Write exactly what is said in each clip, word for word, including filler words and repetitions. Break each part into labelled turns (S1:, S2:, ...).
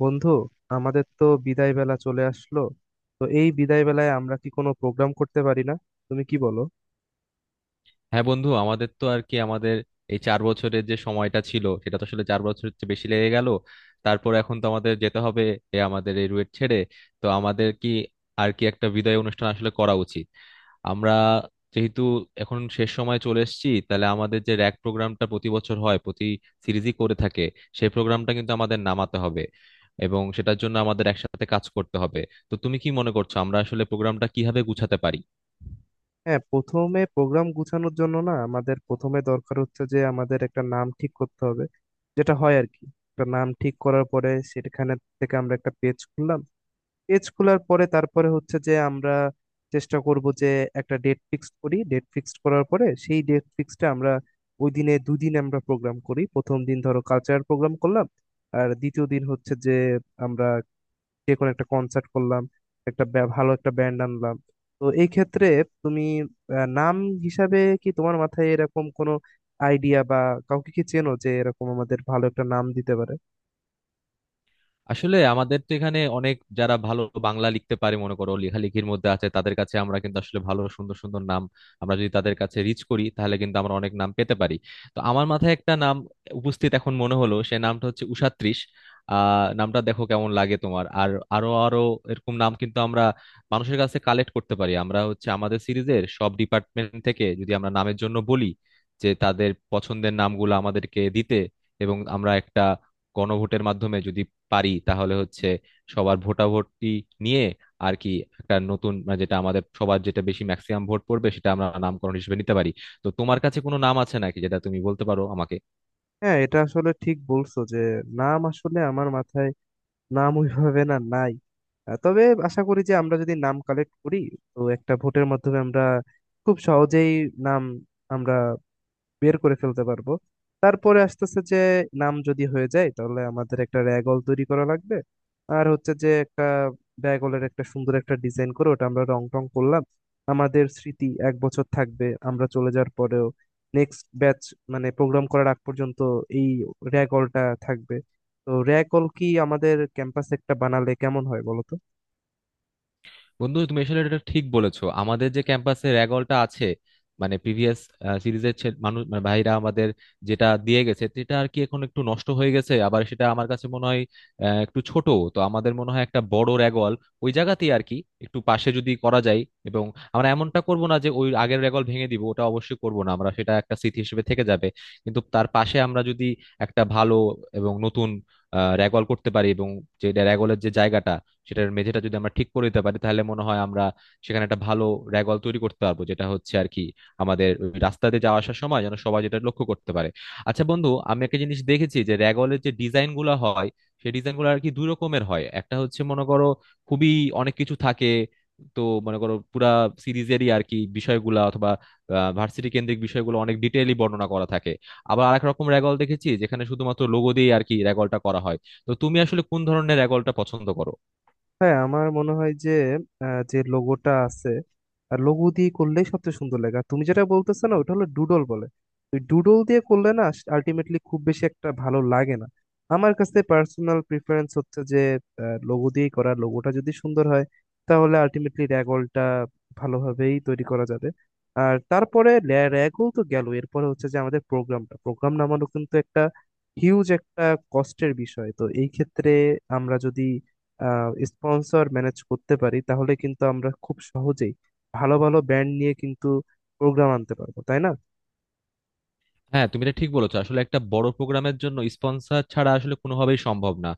S1: বন্ধু, আমাদের তো বিদায় বেলা চলে আসলো। তো এই বিদায় বেলায় আমরা কি কোনো প্রোগ্রাম করতে পারি না? তুমি কি বলো?
S2: হ্যাঁ বন্ধু, আমাদের তো আর কি আমাদের এই চার বছরের যে সময়টা ছিল, সেটা তো আসলে চার বছরের চেয়ে বেশি লেগে গেল। তারপর এখন তো আমাদের যেতে হবে, এ আমাদের এই রুয়েট ছেড়ে। তো আমাদের কি আর কি একটা বিদায় অনুষ্ঠান আসলে করা উচিত। আমরা যেহেতু এখন শেষ সময় চলে এসেছি, তাহলে আমাদের যে র্যাক প্রোগ্রামটা প্রতি বছর হয়, প্রতি সিরিজই করে থাকে, সেই প্রোগ্রামটা কিন্তু আমাদের নামাতে হবে, এবং সেটার জন্য আমাদের একসাথে কাজ করতে হবে। তো তুমি কি মনে করছো, আমরা আসলে প্রোগ্রামটা কিভাবে গুছাতে পারি?
S1: হ্যাঁ, প্রথমে প্রোগ্রাম গুছানোর জন্য না আমাদের প্রথমে দরকার হচ্ছে যে আমাদের একটা নাম ঠিক করতে হবে, যেটা হয় আর কি। একটা নাম ঠিক করার পরে সেখানে থেকে আমরা একটা পেজ খুললাম। পেজ খোলার পরে তারপরে হচ্ছে যে আমরা চেষ্টা করব যে একটা ডেট ফিক্সড করি। ডেট ফিক্সড করার পরে সেই ডেট ফিক্সডটা আমরা ওই দিনে, দুদিন আমরা প্রোগ্রাম করি। প্রথম দিন ধরো কালচারাল প্রোগ্রাম করলাম, আর দ্বিতীয় দিন হচ্ছে যে আমরা যে কোনো একটা কনসার্ট করলাম, একটা ব্যা- ভালো একটা ব্যান্ড আনলাম। তো এই ক্ষেত্রে তুমি আহ, নাম হিসাবে কি তোমার মাথায় এরকম কোনো আইডিয়া বা কাউকে কি চেনো যে এরকম আমাদের ভালো একটা নাম দিতে পারে?
S2: আসলে আমাদের তো এখানে অনেক যারা ভালো বাংলা লিখতে পারে, মনে করো লেখালেখির মধ্যে আছে, তাদের কাছে আমরা কিন্তু আসলে ভালো সুন্দর সুন্দর নাম, আমরা যদি তাদের কাছে রিচ করি, তাহলে কিন্তু আমরা অনেক নাম পেতে পারি। তো আমার মাথায় একটা নাম উপস্থিত এখন মনে হলো, সে নামটা হচ্ছে উষাত্রিশ। আহ নামটা দেখো কেমন লাগে তোমার। আর আরো আরো এরকম নাম কিন্তু আমরা মানুষের কাছে কালেক্ট করতে পারি। আমরা হচ্ছে আমাদের সিরিজের সব ডিপার্টমেন্ট থেকে যদি আমরা নামের জন্য বলি যে তাদের পছন্দের নামগুলো আমাদেরকে দিতে, এবং আমরা একটা গণভোটের মাধ্যমে যদি পারি, তাহলে হচ্ছে সবার ভোটাভুটি নিয়ে আর কি একটা নতুন, মানে যেটা আমাদের সবার, যেটা বেশি ম্যাক্সিমাম ভোট পড়বে, সেটা আমরা নামকরণ হিসেবে নিতে পারি। তো তোমার কাছে কোনো নাম আছে নাকি, যেটা তুমি বলতে পারো আমাকে?
S1: হ্যাঁ, এটা আসলে ঠিক বলছো যে নাম আসলে আমার মাথায় নাম ওইভাবে না নাই। আহ, তবে আশা করি যে আমরা যদি নাম কালেক্ট করি তো একটা ভোটের মাধ্যমে আমরা খুব সহজেই নাম আমরা বের করে ফেলতে পারবো। তারপরে আসতেছে যে নাম যদি হয়ে যায় তাহলে আমাদের একটা র্যাগল তৈরি করা লাগবে। আর হচ্ছে যে একটা র্যাগলের একটা সুন্দর একটা ডিজাইন করে ওটা আমরা রং টং করলাম, আমাদের স্মৃতি এক বছর থাকবে আমরা চলে যাওয়ার পরেও। নেক্সট ব্যাচ, মানে প্রোগ্রাম করার আগ পর্যন্ত এই র্যাগলটা থাকবে। তো র্যাগল কি আমাদের ক্যাম্পাসে একটা বানালে কেমন হয় বলো তো?
S2: বন্ধু, তুমি আসলে এটা ঠিক বলেছো, আমাদের যে ক্যাম্পাসে র্যাগলটা আছে, মানে প্রিভিয়াস সিরিজের মানুষ, মানে ভাইরা আমাদের যেটা দিয়ে গেছে, সেটা আর কি এখন একটু নষ্ট হয়ে গেছে, আবার সেটা আমার কাছে মনে হয় আহ, একটু ছোট। তো আমাদের মনে হয় একটা বড় র্যাগল ওই জায়গাতেই আর কি একটু পাশে যদি করা যায়, এবং আমরা এমনটা করব না যে ওই আগের র্যাগল ভেঙে দিব, ওটা অবশ্যই করব না আমরা, সেটা একটা স্মৃতি হিসেবে থেকে যাবে। কিন্তু তার পাশে আমরা যদি একটা ভালো এবং নতুন র্যাগল করতে পারি, এবং যে র্যাগলের যে জায়গাটা, সেটার মেঝেটা যদি আমরা ঠিক করে দিতে পারি, তাহলে মনে হয় আমরা সেখানে একটা ভালো র্যাগল তৈরি করতে পারবো, যেটা হচ্ছে আর কি আমাদের ওই রাস্তাতে যাওয়া আসার সময় যেন সবাই যেটা লক্ষ্য করতে পারে। আচ্ছা বন্ধু, আমি একটা জিনিস দেখেছি যে র্যাগলের যে ডিজাইন গুলা হয়, সেই ডিজাইন গুলো আর কি দুই রকমের হয়। একটা হচ্ছে মনে করো খুবই অনেক কিছু থাকে, তো মনে করো পুরা সিরিজেরই আর কি বিষয়গুলা অথবা ভার্সিটি কেন্দ্রিক বিষয়গুলো অনেক ডিটেইলি বর্ণনা করা থাকে। আবার আরেক রকম র্যাগল দেখেছি যেখানে শুধুমাত্র লোগো দিয়ে আর কি র্যাগলটা করা হয়। তো তুমি আসলে কোন ধরনের র্যাগলটা পছন্দ করো?
S1: হ্যাঁ, আমার মনে হয় যে আহ, যে লোগোটা আছে, লোগো দিয়ে করলেই সবচেয়ে সুন্দর লাগে। আর তুমি যেটা বলতেছো না, ওটা হলো ডুডল বলে। ওই ডুডল দিয়ে করলে না আলটিমেটলি খুব বেশি একটা ভালো লাগে না। আমার কাছে পার্সোনাল প্রিফারেন্স হচ্ছে যে লোগো দিয়েই করা, লোগোটা যদি সুন্দর হয় তাহলে আলটিমেটলি র্যাগলটা ভালোভাবেই তৈরি করা যাবে। আর তারপরে র্যাগল তো গেল, এরপরে হচ্ছে যে আমাদের প্রোগ্রামটা, প্রোগ্রাম নামানো কিন্তু একটা হিউজ একটা কষ্টের বিষয়। তো এই ক্ষেত্রে আমরা যদি স্পন্সর ম্যানেজ করতে পারি তাহলে কিন্তু আমরা খুব সহজেই ভালো ভালো ব্যান্ড নিয়ে কিন্তু প্রোগ্রাম আনতে পারবো, তাই না?
S2: হ্যাঁ তুমি এটা ঠিক বলেছো, আসলে একটা বড় প্রোগ্রামের জন্য স্পন্সর ছাড়া আসলে কোনোভাবেই সম্ভব না।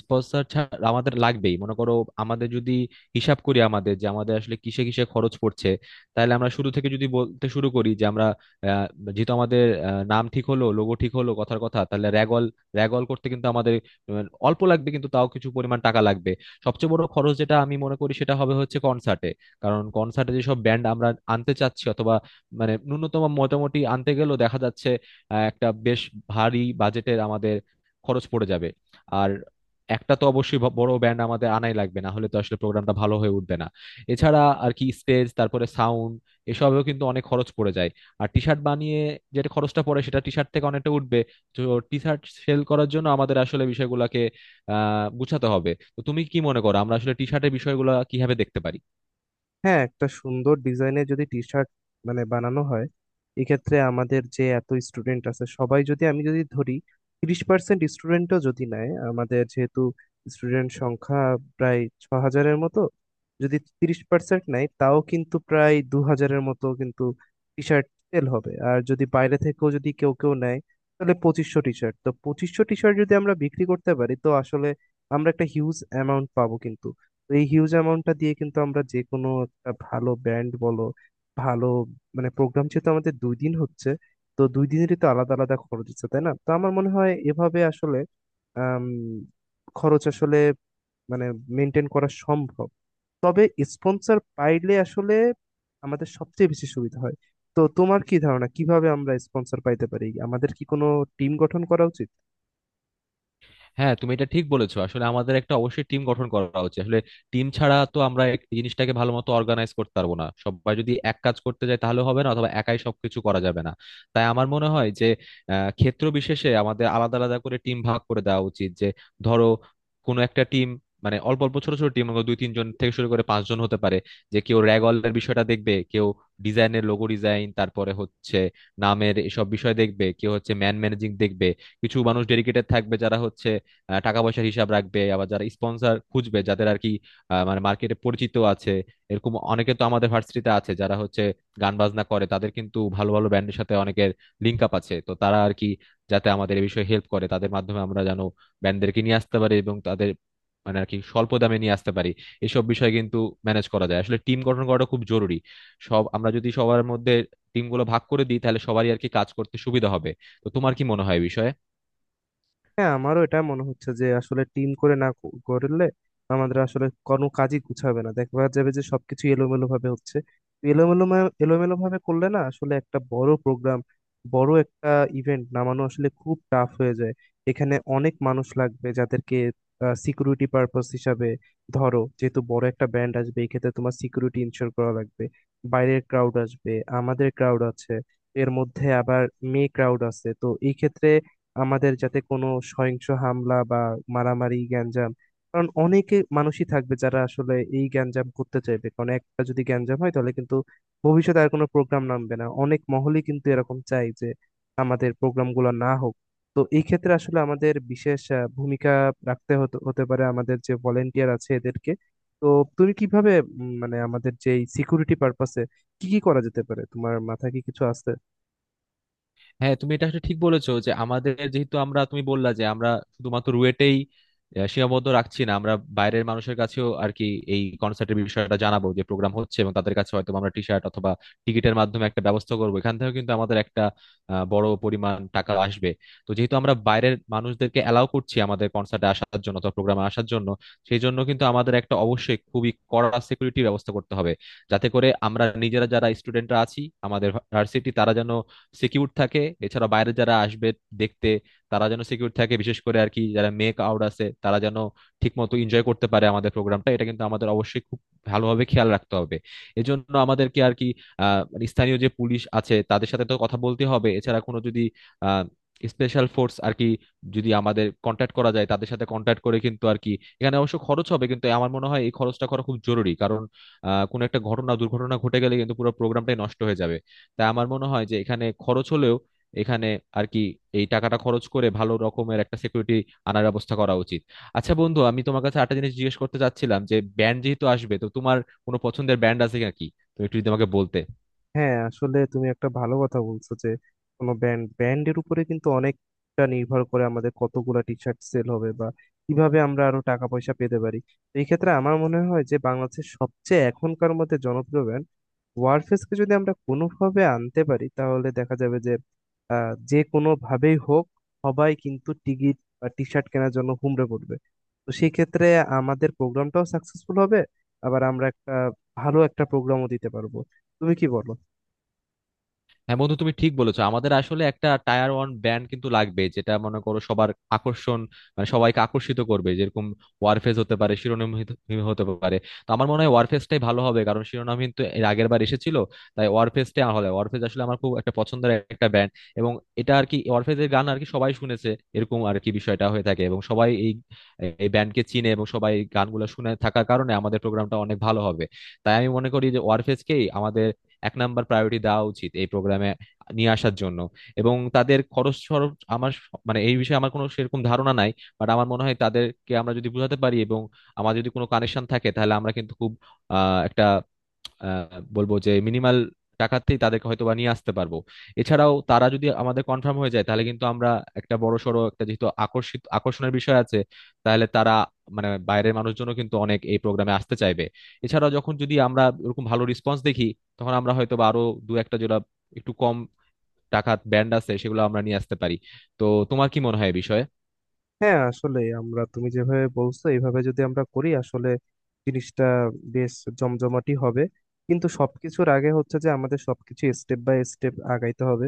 S2: স্পন্সর ছাড়া আমাদের লাগবেই মনে করো। আমাদের যদি হিসাব করি আমাদের যে, আমাদের আসলে কিসে কিসে খরচ পড়ছে, তাহলে আমরা শুরু থেকে যদি বলতে শুরু করি যে আমরা, আহ, যেহেতু আমাদের আহ, নাম ঠিক হলো, লোগো ঠিক হলো কথার কথা, তাহলে র্যাগল, র্যাগল করতে কিন্তু আমাদের আহ, অল্প লাগবে, কিন্তু তাও কিছু পরিমাণ টাকা লাগবে। সবচেয়ে বড় খরচ যেটা আমি মনে করি, সেটা হবে হচ্ছে কনসার্টে। কারণ কনসার্টে যেসব ব্যান্ড আমরা আনতে চাচ্ছি, অথবা মানে ন্যূনতম মোটামুটি আনতে গেলেও দেখা যাচ্ছে আহ, একটা বেশ ভারী বাজেটের আমাদের খরচ পড়ে যাবে। আর একটা তো অবশ্যই ব- বড় ব্যান্ড আমাদের আনাই লাগবে, না হলে তো আসলে প্রোগ্রামটা ভালো হয়ে উঠবে না। এছাড়া আর কি স্টেজ, তারপরে সাউন্ড, এসবেও কিন্তু অনেক খরচ পড়ে যায়। আর টি শার্ট বানিয়ে যেটা খরচটা পড়ে, সেটা টি শার্ট থেকে অনেকটা উঠবে। তো টি শার্ট সেল করার জন্য আমাদের আসলে বিষয়গুলোকে আহ গুছাতে হবে। তো তুমি কি মনে করো, আমরা আসলে টি শার্টের বিষয়গুলো কিভাবে দেখতে পারি?
S1: হ্যাঁ, একটা সুন্দর ডিজাইনের যদি টি শার্ট মানে বানানো হয়, এক্ষেত্রে আমাদের যে এত স্টুডেন্ট আছে সবাই যদি, আমি যদি ধরি তিরিশ পার্সেন্ট স্টুডেন্টও যদি নেয়, আমাদের যেহেতু স্টুডেন্ট সংখ্যা প্রায় ছ হাজারের মতো, যদি তিরিশ পার্সেন্ট নেয় তাও কিন্তু প্রায় দু হাজারের মতো কিন্তু টি শার্ট সেল হবে। আর যদি বাইরে থেকেও যদি কেউ কেউ নেয় তাহলে পঁচিশশো টি শার্ট, তো পঁচিশশো টি শার্ট যদি আমরা বিক্রি করতে পারি তো আসলে আমরা একটা হিউজ অ্যামাউন্ট পাবো কিন্তু। তো এই হিউজ অ্যামাউন্টটা দিয়ে কিন্তু আমরা যে কোনো একটা ভালো ব্যান্ড বলো, ভালো মানে প্রোগ্রাম যেহেতু আমাদের দুই দিন হচ্ছে, তো দুই দিনেরই তো আলাদা আলাদা খরচ হচ্ছে, তাই না? তো আমার মনে হয় এভাবে আসলে আম, খরচ আসলে মানে মেনটেন করা সম্ভব। তবে স্পন্সর পাইলে আসলে আমাদের সবচেয়ে বেশি সুবিধা হয়। তো তোমার কি ধারণা, কিভাবে আমরা স্পন্সর পাইতে পারি? আমাদের কি কোনো টিম গঠন করা উচিত?
S2: হ্যাঁ তুমি এটা ঠিক বলেছো, আসলে আমাদের একটা অবশ্যই টিম গঠন করা উচিত। আসলে টিম ছাড়া তো আমরা এক- এই জিনিসটাকে ভালো মতো অর্গানাইজ করতে পারবো না। সবাই যদি এক কাজ করতে যায় তাহলে হবে না, অথবা একাই সবকিছু করা যাবে না। তাই আমার মনে হয় যে আহ, ক্ষেত্র বিশেষে আমাদের আলাদা আলাদা করে টিম ভাগ করে দেওয়া উচিত। যে ধরো কোনো একটা টিম, মানে অল্প অল্প ছোট ছোট টিম, দুই তিনজন থেকে শুরু করে পাঁচজন হতে পারে। যে কেউ র্যাগলের বিষয়টা দেখবে, কেউ ডিজাইনের, লোগো ডিজাইন, তারপরে হচ্ছে নামের এসব বিষয় দেখবে, কেউ হচ্ছে ম্যান ম্যানেজিং দেখবে। কিছু মানুষ ডেডিকেটেড থাকবে যারা হচ্ছে আহ, টাকা পয়সার হিসাব রাখবে, আবার যারা স্পন্সর খুঁজবে, যাদের আর কি আহ, মানে মার্কেটে পরিচিত আছে। এরকম অনেকে তো আমাদের ভার্সিটিতে আছে যারা হচ্ছে গান বাজনা করে, তাদের কিন্তু ভালো ভালো ব্যান্ডের সাথে অনেকের লিঙ্ক আপ আছে। তো তারা আর কি, যাতে আমাদের এই বিষয়ে হেল্প করে, তাদের মাধ্যমে আমরা যেন ব্যান্ডদেরকে নিয়ে আসতে পারি এবং তাদের মানে আর কি স্বল্প দামে নিয়ে আসতে পারি। এসব বিষয় কিন্তু ম্যানেজ করা যায়। আসলে টিম গঠন করাটা খুব জরুরি। সব আমরা যদি সবার মধ্যে টিমগুলো ভাগ করে দিই, তাহলে সবারই আর কি কাজ করতে সুবিধা হবে। তো তোমার কি মনে হয় এই বিষয়ে?
S1: হ্যাঁ, আমারও এটা মনে হচ্ছে যে আসলে টিম করে না ক- করলে আমাদের আসলে কোনো কাজই গুছাবে না, দেখা যাবে যে সবকিছু এলোমেলো ভাবে হচ্ছে। এলোমেলো মা- এলোমেলো ভাবে করলে না আসলে একটা বড় প্রোগ্রাম, বড় একটা ইভেন্ট নামানো আসলে খুব টাফ হয়ে যায়। এখানে অনেক মানুষ লাগবে, যাদেরকে সিকিউরিটি পারপাস হিসাবে, ধরো যেহেতু বড় একটা ব্যান্ড আসবে এই ক্ষেত্রে তোমার সিকিউরিটি ইনশিওর করা লাগবে। বাইরের ক্রাউড আসবে, আমাদের ক্রাউড আছে, এর মধ্যে আবার মেয়ে ক্রাউড আছে। তো এই ক্ষেত্রে আমাদের যাতে কোনো সহিংস হামলা বা মারামারি, গ্যাঞ্জাম, কারণ অনেকে মানুষই থাকবে যারা আসলে এই গ্যাঞ্জাম করতে চাইবে। কারণ একটা যদি গ্যাঞ্জাম হয় তাহলে কিন্তু ভবিষ্যতে আর কোনো প্রোগ্রাম নামবে না। অনেক মহলই কিন্তু এরকম চাই যে আমাদের প্রোগ্রামগুলো না হোক। তো এই ক্ষেত্রে আসলে আমাদের বিশেষ আহ, ভূমিকা রাখতে হতে হতে পারে, আমাদের যে ভলেন্টিয়ার আছে এদেরকে। তো তুমি কিভাবে উম, মানে আমাদের যে সিকিউরিটি পারপাসে কি কি করা যেতে পারে, তোমার মাথায় কি কিছু আসছে?
S2: হ্যাঁ তুমি এটা আসলে ঠিক বলেছো যে, আমাদের যেহেতু আমরা, তুমি বললা যে আমরা শুধুমাত্র রুয়েটেই আহ, সীমাবদ্ধ রাখছি না, আমরা বাইরের মানুষের কাছেও আর কি এই কনসার্টের বিষয়টা জানাবো যে প্রোগ্রাম হচ্ছে, এবং তাদের কাছে হয়তো আমরা টি শার্ট অথবা টিকিটের মাধ্যমে একটা ব্যবস্থা করবো, এখান থেকেও কিন্তু আমাদের একটা আহ, বড় পরিমাণ টাকা আসবে। তো যেহেতু আমরা বাইরের মানুষদেরকে অ্যালাউ করছি আমাদের কনসার্টে আসার জন্য অথবা প্রোগ্রামে আসার জন্য, সেই জন্য কিন্তু আমাদের একটা অবশ্যই খুবই কড়া সিকিউরিটি ব্যবস্থা করতে হবে, যাতে করে আমরা নিজেরা যারা স্টুডেন্টরা আছি, আমাদের ভার্সিটি, তারা যেন সিকিউর থাকে। এছাড়া বাইরে যারা আসবে দেখতে, তারা যেন সিকিউর থাকে, বিশেষ করে আর কি যারা মেক আউট আছে, তারা যেন ঠিক মতো এনজয় করতে পারে আমাদের প্রোগ্রামটা। এটা কিন্তু আমাদের অবশ্যই খুব ভালোভাবে খেয়াল রাখতে হবে। এজন্য আমাদেরকে আর কি আহ মানে স্থানীয় যে পুলিশ আছে, তাদের সাথে তো কথা বলতে হবে। এছাড়া কোনো যদি আহ স্পেশাল ফোর্স আর কি যদি আমাদের কন্ট্যাক্ট করা যায়, তাদের সাথে কন্ট্যাক্ট করে কিন্তু আর কি, এখানে অবশ্য খরচ হবে, কিন্তু আমার মনে হয় এই খরচটা করা খুব জরুরি। কারণ আহ কোনো একটা ঘটনা দুর্ঘটনা ঘটে গেলে কিন্তু পুরো প্রোগ্রামটাই নষ্ট হয়ে যাবে। তাই আমার মনে হয় যে এখানে খরচ হলেও, এখানে আর কি এই টাকাটা খরচ করে ভালো রকমের একটা সিকিউরিটি আনার ব্যবস্থা করা উচিত। আচ্ছা বন্ধু, আমি তোমার কাছে একটা জিনিস জিজ্ঞেস করতে চাচ্ছিলাম, যে ব্যান্ড যেহেতু আসবে, তো তোমার কোনো পছন্দের ব্যান্ড আছে নাকি? তুমি একটু যদি আমাকে বলতে।
S1: হ্যাঁ, আসলে তুমি একটা ভালো কথা বলছো যে কোনো ব্র্যান্ড, ব্র্যান্ডের উপরে কিন্তু অনেকটা নির্ভর করে আমাদের কতগুলা টি শার্ট সেল হবে বা কিভাবে আমরা আরো টাকা পয়সা পেতে পারি। তো এই ক্ষেত্রে আমার মনে হয় যে বাংলাদেশের সবচেয়ে এখনকার মধ্যে জনপ্রিয় ব্র্যান্ড ওয়ারফেসকে যদি আমরা কোনোভাবে আনতে পারি তাহলে দেখা যাবে যে আহ যে কোনো ভাবেই হোক সবাই কিন্তু টিকিট বা টি শার্ট কেনার জন্য হুমড়ে পড়বে। তো সেই ক্ষেত্রে আমাদের প্রোগ্রামটাও সাকসেসফুল হবে, আবার আমরা একটা ভালো একটা প্রোগ্রামও দিতে পারবো। তুমি কি বলো?
S2: হ্যাঁ বন্ধু, তুমি ঠিক বলেছো, আমাদের আসলে একটা টায়ার ওয়ান ব্যান্ড কিন্তু লাগবে, যেটা মনে করো সবার আকর্ষণ, মানে সবাইকে আকর্ষিত করবে। যেরকম ওয়ারফেজ হতে পারে, শিরোনামহীন হতে পারে। তো আমার মনে হয় ওয়ারফেজটাই ভালো হবে, কারণ শিরোনামহীন তো এর আগের বার এসেছিল। তাই ওয়ারফেজটাই আমার ভালো হয়। ওয়ারফেজ আসলে আমার খুব একটা পছন্দের একটা ব্যান্ড, এবং এটা আর কি ওয়ারফেজের গান আর কি সবাই শুনেছে, এরকম আর কি বিষয়টা হয়ে থাকে, এবং সবাই এই এই ব্যান্ডকে চিনে, এবং সবাই এই গানগুলো শুনে থাকার কারণে আমাদের প্রোগ্রামটা অনেক ভালো হবে। তাই আমি মনে করি যে ওয়ারফেজকেই আমাদের এক নাম্বার প্রায়োরিটি দেওয়া উচিত এই প্রোগ্রামে নিয়ে আসার জন্য। এবং তাদের খরচ খরচ আমার স- মানে এই বিষয়ে আমার কোনো সেরকম ধারণা নাই। বাট আমার মনে হয় তাদেরকে আমরা যদি বোঝাতে পারি, এবং আমার যদি কোনো কানেকশন থাকে, তাহলে আমরা কিন্তু খুব আহ, একটা আহ, বলবো যে মিনিমাল টাকাতেই তাদেরকে হয়তো বা নিয়ে আসতে পারবো। এছাড়াও তারা যদি আমাদের কনফার্ম হয়ে যায়, তাহলে কিন্তু আমরা একটা বড় সড়ো একটা, যেহেতু আকর্ষিত আকর্ষণের বিষয় আছে, তাহলে তারা, মানে বাইরের মানুষজনও কিন্তু অনেক এই প্রোগ্রামে আসতে চাইবে। এছাড়াও যখন যদি আমরা এরকম ভালো রেসপন্স দেখি, তখন আমরা হয়তো বা আরো দু একটা যেটা একটু কম টাকা ব্যান্ড আছে সেগুলো আমরা নিয়ে আসতে পারি। তো তোমার কি মনে হয় এই বিষয়ে?
S1: হ্যাঁ, আসলে আমরা, তুমি যেভাবে বলছো এইভাবে যদি আমরা করি আসলে জিনিসটা বেশ জমজমাটি হবে। কিন্তু সবকিছুর আগে হচ্ছে যে আমাদের সবকিছু স্টেপ বাই স্টেপ আগাইতে হবে।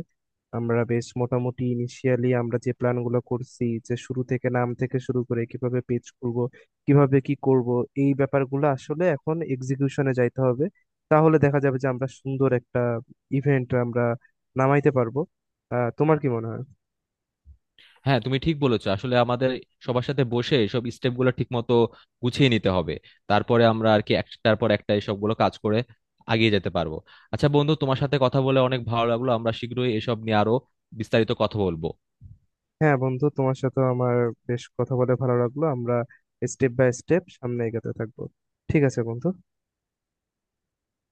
S1: আমরা বেশ মোটামুটি ইনিশিয়ালি আমরা যে প্ল্যানগুলো করছি, যে শুরু থেকে নাম থেকে শুরু করে কিভাবে পেজ করব, কিভাবে কি করব, এই ব্যাপারগুলো আসলে এখন এক্সিকিউশনে যাইতে হবে। তাহলে দেখা যাবে যে আমরা সুন্দর একটা ইভেন্ট আমরা নামাইতে পারবো। আহ তোমার কি মনে হয়?
S2: হ্যাঁ তুমি ঠিক বলেছো, আসলে আমাদের সবার সাথে বসে সব স্টেপ গুলো ঠিক মতো গুছিয়ে নিতে হবে। তারপরে আমরা আর কি একটার পর একটা এসব গুলো কাজ করে এগিয়ে যেতে পারবো। আচ্ছা বন্ধু, তোমার সাথে কথা বলে অনেক ভালো লাগলো, আমরা শীঘ্রই এসব নিয়ে আরো বিস্তারিত কথা বলবো।
S1: হ্যাঁ বন্ধু, তোমার সাথে আমার বেশ কথা বলে ভালো লাগলো। আমরা স্টেপ বাই স্টেপ সামনে এগোতে থাকবো। ঠিক আছে বন্ধু।